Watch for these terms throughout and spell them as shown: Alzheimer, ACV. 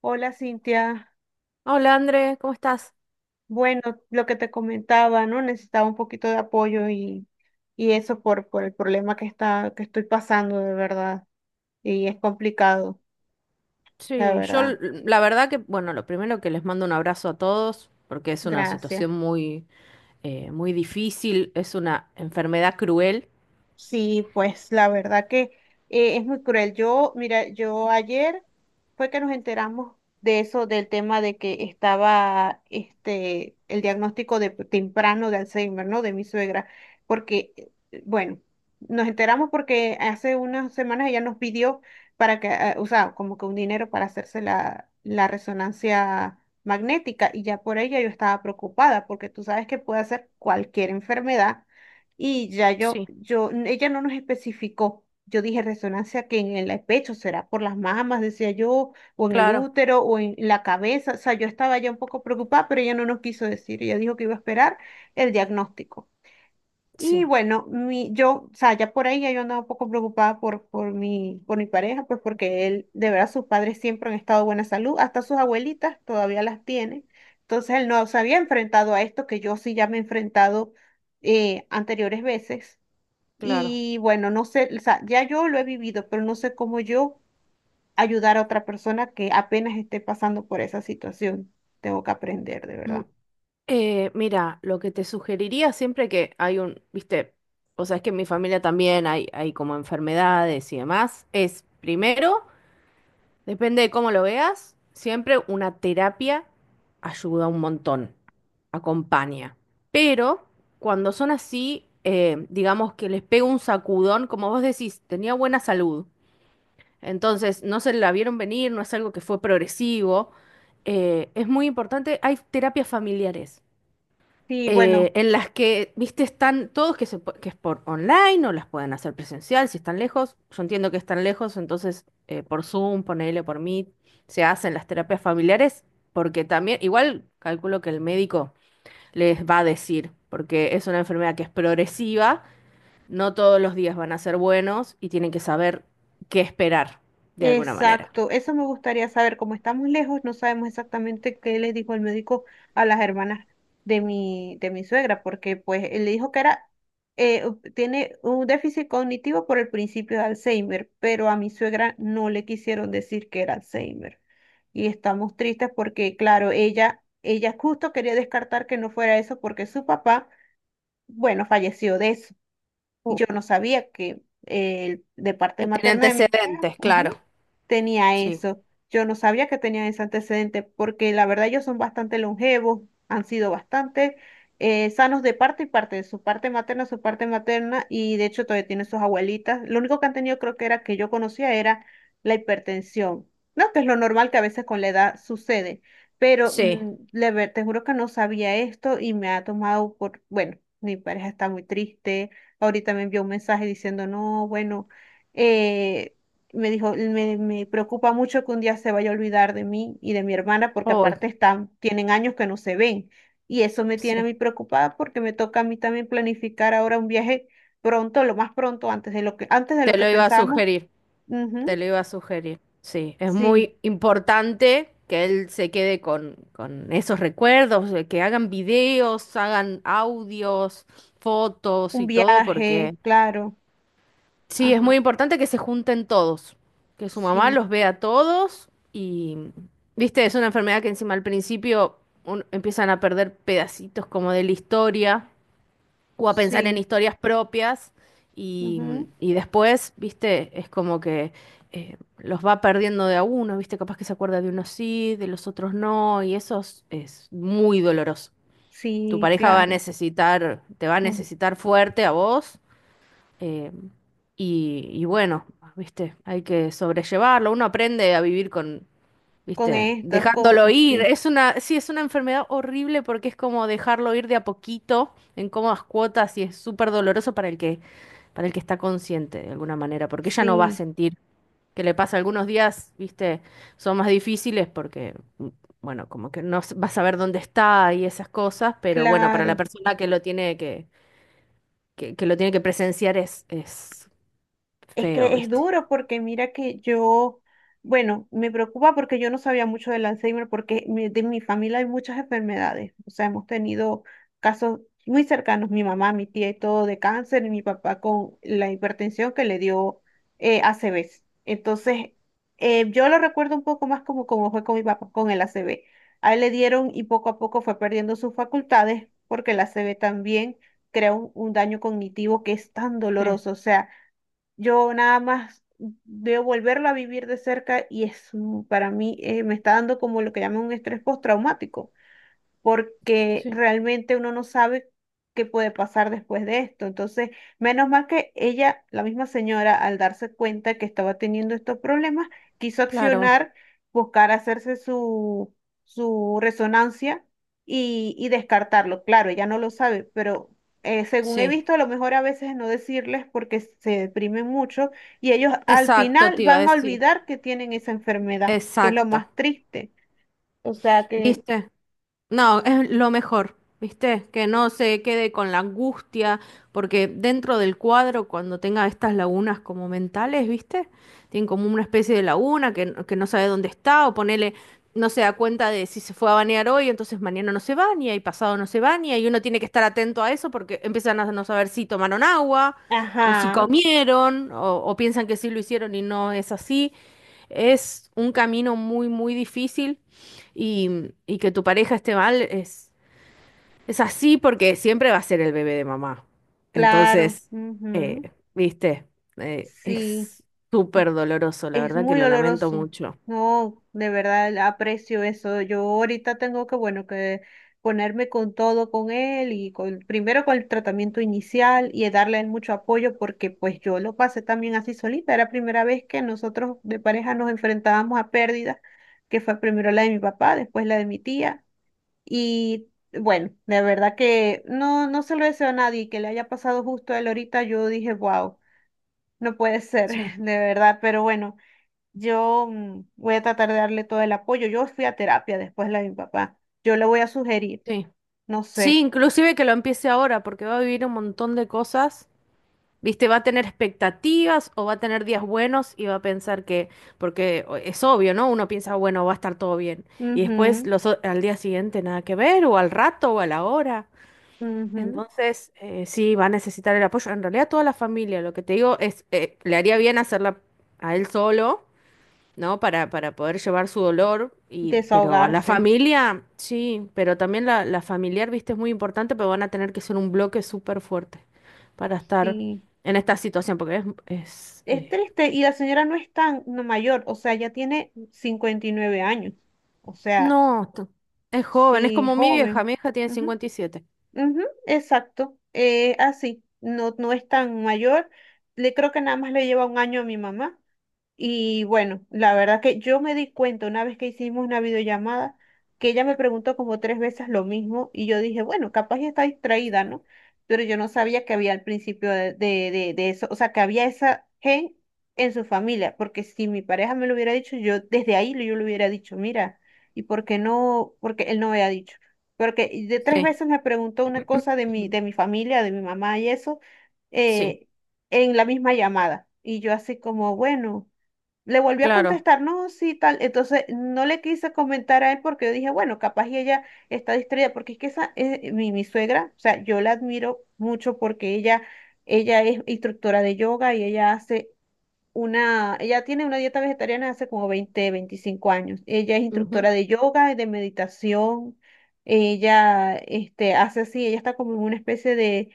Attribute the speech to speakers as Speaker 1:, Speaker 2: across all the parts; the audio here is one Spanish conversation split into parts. Speaker 1: Hola Cintia,
Speaker 2: Hola André, ¿cómo estás?
Speaker 1: bueno, lo que te comentaba, ¿no? Necesitaba un poquito de apoyo y eso por el problema que estoy pasando, de verdad. Y es complicado, la
Speaker 2: Sí, yo
Speaker 1: verdad.
Speaker 2: la verdad que, bueno, lo primero que les mando un abrazo a todos, porque es una
Speaker 1: Gracias.
Speaker 2: situación muy, muy difícil, es una enfermedad cruel.
Speaker 1: Sí, pues la verdad que es muy cruel. Yo, mira, yo ayer fue que nos enteramos de eso, del tema de que estaba este el diagnóstico de temprano de Alzheimer, ¿no? De mi suegra, porque bueno, nos enteramos porque hace unas semanas ella nos pidió para que, o sea, como que un dinero para hacerse la resonancia magnética y ya por ella yo estaba preocupada porque tú sabes que puede ser cualquier enfermedad y ya
Speaker 2: Sí,
Speaker 1: ella no nos especificó. Yo dije resonancia que en el pecho será por las mamas, decía yo, o en el
Speaker 2: claro,
Speaker 1: útero, o en la cabeza. O sea, yo estaba ya un poco preocupada, pero ella no nos quiso decir. Ella dijo que iba a esperar el diagnóstico. Y
Speaker 2: sí,
Speaker 1: bueno, o sea, ya por ahí ya yo andaba un poco preocupada por mi pareja, pues porque él, de verdad, sus padres siempre han estado de buena salud, hasta sus abuelitas todavía las tiene. Entonces él no se había enfrentado a esto, que yo sí ya me he enfrentado anteriores veces.
Speaker 2: claro.
Speaker 1: Y bueno, no sé, o sea, ya yo lo he vivido, pero no sé cómo yo ayudar a otra persona que apenas esté pasando por esa situación. Tengo que aprender, de
Speaker 2: Mm,
Speaker 1: verdad.
Speaker 2: mira, lo que te sugeriría siempre que hay un, viste, o sea, es que en mi familia también hay como enfermedades y demás, es primero. Depende de cómo lo veas, siempre una terapia ayuda un montón, acompaña. Pero cuando son así, digamos que les pega un sacudón, como vos decís, tenía buena salud. Entonces, no se la vieron venir, no es algo que fue progresivo. Es muy importante, hay terapias familiares,
Speaker 1: Sí, bueno.
Speaker 2: en las que, viste, están todos que, que es por online o las pueden hacer presencial si están lejos. Yo entiendo que están lejos, entonces por Zoom, ponele por Meet, se hacen las terapias familiares, porque también, igual calculo que el médico les va a decir, porque es una enfermedad que es progresiva, no todos los días van a ser buenos y tienen que saber qué esperar de alguna manera.
Speaker 1: Exacto, eso me gustaría saber. Como estamos lejos, no sabemos exactamente qué le dijo el médico a las hermanas de mi suegra, porque pues él le dijo que era, tiene un déficit cognitivo por el principio de Alzheimer, pero a mi suegra no le quisieron decir que era Alzheimer. Y estamos tristes porque, claro, ella justo quería descartar que no fuera eso porque su papá, bueno, falleció de eso. Y
Speaker 2: Uh,
Speaker 1: yo no sabía que de parte
Speaker 2: Que tiene
Speaker 1: materna de mi pareja
Speaker 2: antecedentes, claro.
Speaker 1: tenía
Speaker 2: Sí,
Speaker 1: eso. Yo no sabía que tenían ese antecedente porque la verdad ellos son bastante longevos, han sido bastante sanos de parte y parte, de su parte materna y de hecho todavía tienen sus abuelitas. Lo único que han tenido creo que era que yo conocía era la hipertensión, ¿no? Que es lo normal que a veces con la edad sucede, pero
Speaker 2: sí.
Speaker 1: te juro que no sabía esto y me ha tomado por, bueno, mi pareja está muy triste. Ahorita me envió un mensaje diciendo, no, bueno. eh, Me dijo, me preocupa mucho que un día se vaya a olvidar de mí y de mi hermana porque
Speaker 2: Uy,
Speaker 1: aparte están, tienen años que no se ven. Y eso me tiene a
Speaker 2: sí.
Speaker 1: mí preocupada porque me toca a mí también planificar ahora un viaje pronto, lo más pronto, antes de lo
Speaker 2: Te
Speaker 1: que
Speaker 2: lo iba a
Speaker 1: pensábamos.
Speaker 2: sugerir. Te
Speaker 1: Ujú,
Speaker 2: lo iba a sugerir. Sí, es
Speaker 1: sí,
Speaker 2: muy importante que él se quede con esos recuerdos, de que hagan videos, hagan audios, fotos
Speaker 1: un
Speaker 2: y todo,
Speaker 1: viaje,
Speaker 2: porque
Speaker 1: claro.
Speaker 2: sí, es muy
Speaker 1: Ajá,
Speaker 2: importante que se junten todos, que su mamá
Speaker 1: sí,
Speaker 2: los vea a todos y, viste, es una enfermedad que encima al principio empiezan a perder pedacitos como de la historia o a pensar en
Speaker 1: sí,
Speaker 2: historias propias
Speaker 1: ujú,
Speaker 2: y después, viste, es como que los va perdiendo de a uno, viste, capaz que se acuerda de unos sí, de los otros no, y eso es muy doloroso. Tu
Speaker 1: sí,
Speaker 2: pareja va a
Speaker 1: claro.
Speaker 2: necesitar, te va a
Speaker 1: Mm,
Speaker 2: necesitar fuerte a vos, eh, y bueno, viste, hay que sobrellevarlo, uno aprende a vivir con,
Speaker 1: con
Speaker 2: ¿viste?
Speaker 1: estas
Speaker 2: Dejándolo
Speaker 1: cosas,
Speaker 2: ir.
Speaker 1: sí.
Speaker 2: Es una, sí, es una enfermedad horrible porque es como dejarlo ir de a poquito, en cómodas cuotas, y es súper doloroso para el que está consciente de alguna manera, porque ella no va a
Speaker 1: Sí,
Speaker 2: sentir que le pasa algunos días, ¿viste? Son más difíciles porque, mm, bueno, como que no s- va a saber dónde está y esas cosas, pero bueno, para la
Speaker 1: claro.
Speaker 2: persona que lo tiene que lo tiene que presenciar es
Speaker 1: Es
Speaker 2: feo,
Speaker 1: que es
Speaker 2: ¿viste?
Speaker 1: duro porque mira que yo, bueno, me preocupa porque yo no sabía mucho del Alzheimer porque de mi familia hay muchas enfermedades. O sea, hemos tenido casos muy cercanos, mi mamá, mi tía y todo de cáncer y mi papá con la hipertensión que le dio ACV. Entonces, yo lo recuerdo un poco más como, como fue con mi papá con el a ACV. A él le dieron y poco a poco fue perdiendo sus facultades porque el a C V también crea un daño cognitivo que es tan
Speaker 2: Sí,
Speaker 1: doloroso. O sea, yo nada más veo volverlo a vivir de cerca y es para mí me está dando como lo que llaman un estrés postraumático porque
Speaker 2: sí,
Speaker 1: realmente uno no sabe qué puede pasar después de esto. Entonces, menos mal que ella, la misma señora, al darse cuenta que estaba teniendo estos problemas, quiso
Speaker 2: claro,
Speaker 1: accionar, buscar hacerse su resonancia y descartarlo. Claro, ella no lo sabe, pero... según he
Speaker 2: sí.
Speaker 1: visto, a lo mejor a veces no decirles porque se deprimen mucho y ellos al
Speaker 2: Exacto,
Speaker 1: final
Speaker 2: te iba a
Speaker 1: van a
Speaker 2: decir.
Speaker 1: olvidar que tienen esa enfermedad, que es lo
Speaker 2: Exacto.
Speaker 1: más triste. O sea que,
Speaker 2: ¿Viste? No, es lo mejor, ¿viste? Que no se quede con la angustia, porque dentro del cuadro, cuando tenga estas lagunas como mentales, ¿viste? Tiene como una especie de laguna que, que no sabe dónde está, o ponele, no se da cuenta de si se fue a bañar hoy, entonces mañana no se baña y pasado no se baña, y uno tiene que estar atento a eso porque empiezan a no saber si tomaron agua, o si
Speaker 1: ajá.
Speaker 2: comieron, o piensan que sí lo hicieron y no es así. Es un camino muy, muy difícil y que tu pareja esté mal es así porque siempre va a ser el bebé de mamá.
Speaker 1: Claro,
Speaker 2: Entonces,
Speaker 1: ujú,
Speaker 2: viste,
Speaker 1: sí,
Speaker 2: es súper doloroso, la
Speaker 1: es
Speaker 2: verdad que
Speaker 1: muy
Speaker 2: lo lamento
Speaker 1: doloroso.
Speaker 2: mucho.
Speaker 1: No, de verdad aprecio eso. Yo ahorita tengo que, bueno, que ponerme con todo con él y con, primero con el tratamiento inicial y darle mucho apoyo porque pues yo lo pasé también así solita. Era la primera vez que nosotros de pareja nos enfrentábamos a pérdidas, que fue primero la de mi papá, después la de mi tía. Y bueno, de verdad que no, no se lo deseo a nadie que le haya pasado justo a él ahorita. Yo dije, wow. No puede ser,
Speaker 2: Sí,
Speaker 1: de verdad, pero bueno, yo voy a tratar de darle todo el apoyo. Yo fui a terapia después de la de mi papá. Yo le voy a sugerir,
Speaker 2: sí.
Speaker 1: no
Speaker 2: Sí,
Speaker 1: sé,
Speaker 2: inclusive que lo empiece ahora porque va a vivir un montón de cosas. ¿Viste? Va a tener expectativas o va a tener días buenos y va a pensar que, porque es obvio, ¿no? Uno piensa, bueno, va a estar todo bien. Y después
Speaker 1: ujú,
Speaker 2: los, al día siguiente nada que ver, o al rato, o a la hora.
Speaker 1: ujú,
Speaker 2: Entonces, sí, va a necesitar el apoyo. En realidad, toda la familia, lo que te digo es, le haría bien hacerla a él solo, ¿no? Para poder llevar su dolor, y, pero a la
Speaker 1: desahogarse.
Speaker 2: familia, sí, pero también la familiar, viste, es muy importante, pero van a tener que ser un bloque súper fuerte para estar
Speaker 1: Sí,
Speaker 2: en esta situación, porque es, es
Speaker 1: es
Speaker 2: eh,
Speaker 1: triste y la señora no es tan no, mayor, o sea, ya tiene 59 años, o sea,
Speaker 2: no, es joven, es
Speaker 1: sí,
Speaker 2: como mi vieja,
Speaker 1: joven.
Speaker 2: mi hija tiene
Speaker 1: Ujú,
Speaker 2: 57.
Speaker 1: ujú, exacto, así, no, no es tan mayor. Le creo que nada más le lleva un año a mi mamá. Y bueno, la verdad que yo me di cuenta una vez que hicimos una videollamada que ella me preguntó como tres veces lo mismo y yo dije, bueno, capaz ya está distraída, ¿no? Pero yo no sabía que había al principio de eso, o sea, que había esa gen en su familia, porque si mi pareja me lo hubiera dicho, yo desde ahí yo le hubiera dicho, mira, ¿y por qué no? Porque él no me había dicho. Porque de tres
Speaker 2: Sí,
Speaker 1: veces me preguntó una cosa
Speaker 2: ujú,
Speaker 1: de mi familia, de mi mamá y eso,
Speaker 2: sí,
Speaker 1: eh, en la misma llamada. Y yo así como, bueno. Le volví a
Speaker 2: claro,
Speaker 1: contestar, no, sí, tal. Entonces no le quise comentar a él porque yo dije, bueno, capaz y ella está distraída, porque es que esa es mi suegra, o sea, yo la admiro mucho porque ella es instructora de yoga y ella hace ella tiene una dieta vegetariana hace como 20, 25 años. Ella es
Speaker 2: ujú,
Speaker 1: instructora de yoga y de meditación. Ella, este, hace así, ella está como en una especie de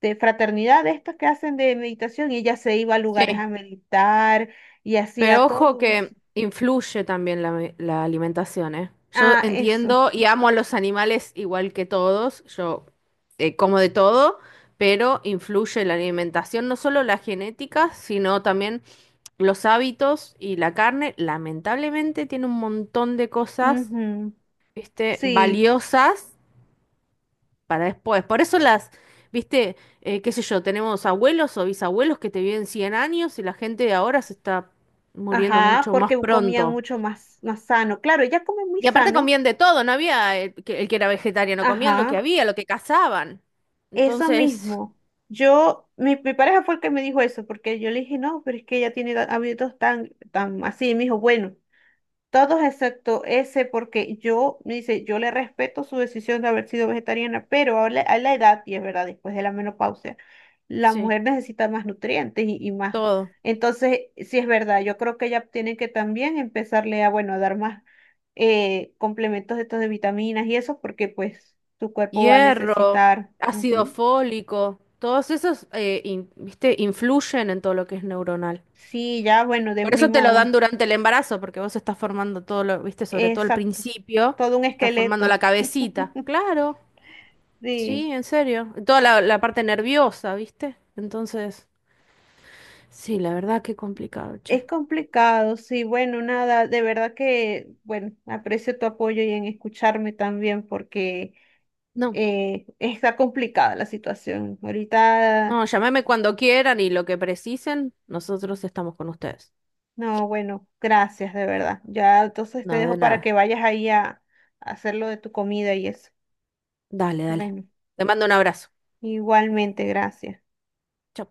Speaker 1: fraternidad, de estas que hacen de meditación, y ella se iba a lugares a
Speaker 2: sí.
Speaker 1: meditar y hacía
Speaker 2: Pero ojo
Speaker 1: todo eso.
Speaker 2: que influye también la alimentación, ¿eh? Yo
Speaker 1: Ah, eso.
Speaker 2: entiendo y amo a los animales igual que todos, yo como de todo, pero influye la alimentación, no solo la genética, sino también los hábitos y la carne, lamentablemente tiene un montón de cosas,
Speaker 1: Ujú,
Speaker 2: ¿viste?
Speaker 1: sí,
Speaker 2: Valiosas para después. Por eso las, ¿viste? Qué sé yo, tenemos abuelos o bisabuelos que te viven 100 años y la gente de ahora se está muriendo
Speaker 1: ajá,
Speaker 2: mucho más
Speaker 1: porque comían
Speaker 2: pronto.
Speaker 1: mucho más, más sano. Claro, ella come muy
Speaker 2: Y aparte
Speaker 1: sano.
Speaker 2: comían de todo, no había el que era vegetariano, comían lo
Speaker 1: Ajá,
Speaker 2: que había, lo que cazaban.
Speaker 1: eso
Speaker 2: Entonces,
Speaker 1: mismo. Mi pareja fue el que me dijo eso, porque yo le dije, no, pero es que ella tiene hábitos tan, tan así. Y me dijo, bueno, todos excepto ese, porque yo, me dice, yo le respeto su decisión de haber sido vegetariana, pero a la edad, y es verdad, después de la menopausia, la
Speaker 2: sí,
Speaker 1: mujer necesita más nutrientes y más.
Speaker 2: todo.
Speaker 1: Entonces, sí es verdad, yo creo que ya tienen que también empezarle a, bueno, a dar más complementos de estos de vitaminas y eso, porque pues tu cuerpo va a
Speaker 2: Hierro,
Speaker 1: necesitar.
Speaker 2: ácido
Speaker 1: Ujú.
Speaker 2: fólico, todos esos, viste, influyen en todo lo que es neuronal.
Speaker 1: Sí, ya, bueno, de
Speaker 2: Por
Speaker 1: ni
Speaker 2: eso te lo dan
Speaker 1: modo.
Speaker 2: durante el embarazo, porque vos estás formando todo lo, viste, sobre todo al
Speaker 1: Exacto.
Speaker 2: principio,
Speaker 1: Todo un
Speaker 2: estás formando la
Speaker 1: esqueleto.
Speaker 2: cabecita. Claro,
Speaker 1: Sí.
Speaker 2: sí, en serio. Toda la, la parte nerviosa, viste. Entonces, sí, la verdad que complicado, che.
Speaker 1: Es complicado, sí, bueno, nada, de verdad que, bueno, aprecio tu apoyo y en escucharme también porque
Speaker 2: No.
Speaker 1: está complicada la situación. Ahorita,
Speaker 2: No, llámeme cuando quieran y lo que precisen, nosotros estamos con ustedes.
Speaker 1: no, bueno, gracias, de verdad. Ya, entonces te
Speaker 2: No, de
Speaker 1: dejo para que
Speaker 2: nada.
Speaker 1: vayas ahí a hacer lo de tu comida y eso.
Speaker 2: Dale, dale.
Speaker 1: Bueno,
Speaker 2: Te mando un abrazo.
Speaker 1: igualmente, gracias.
Speaker 2: Chau.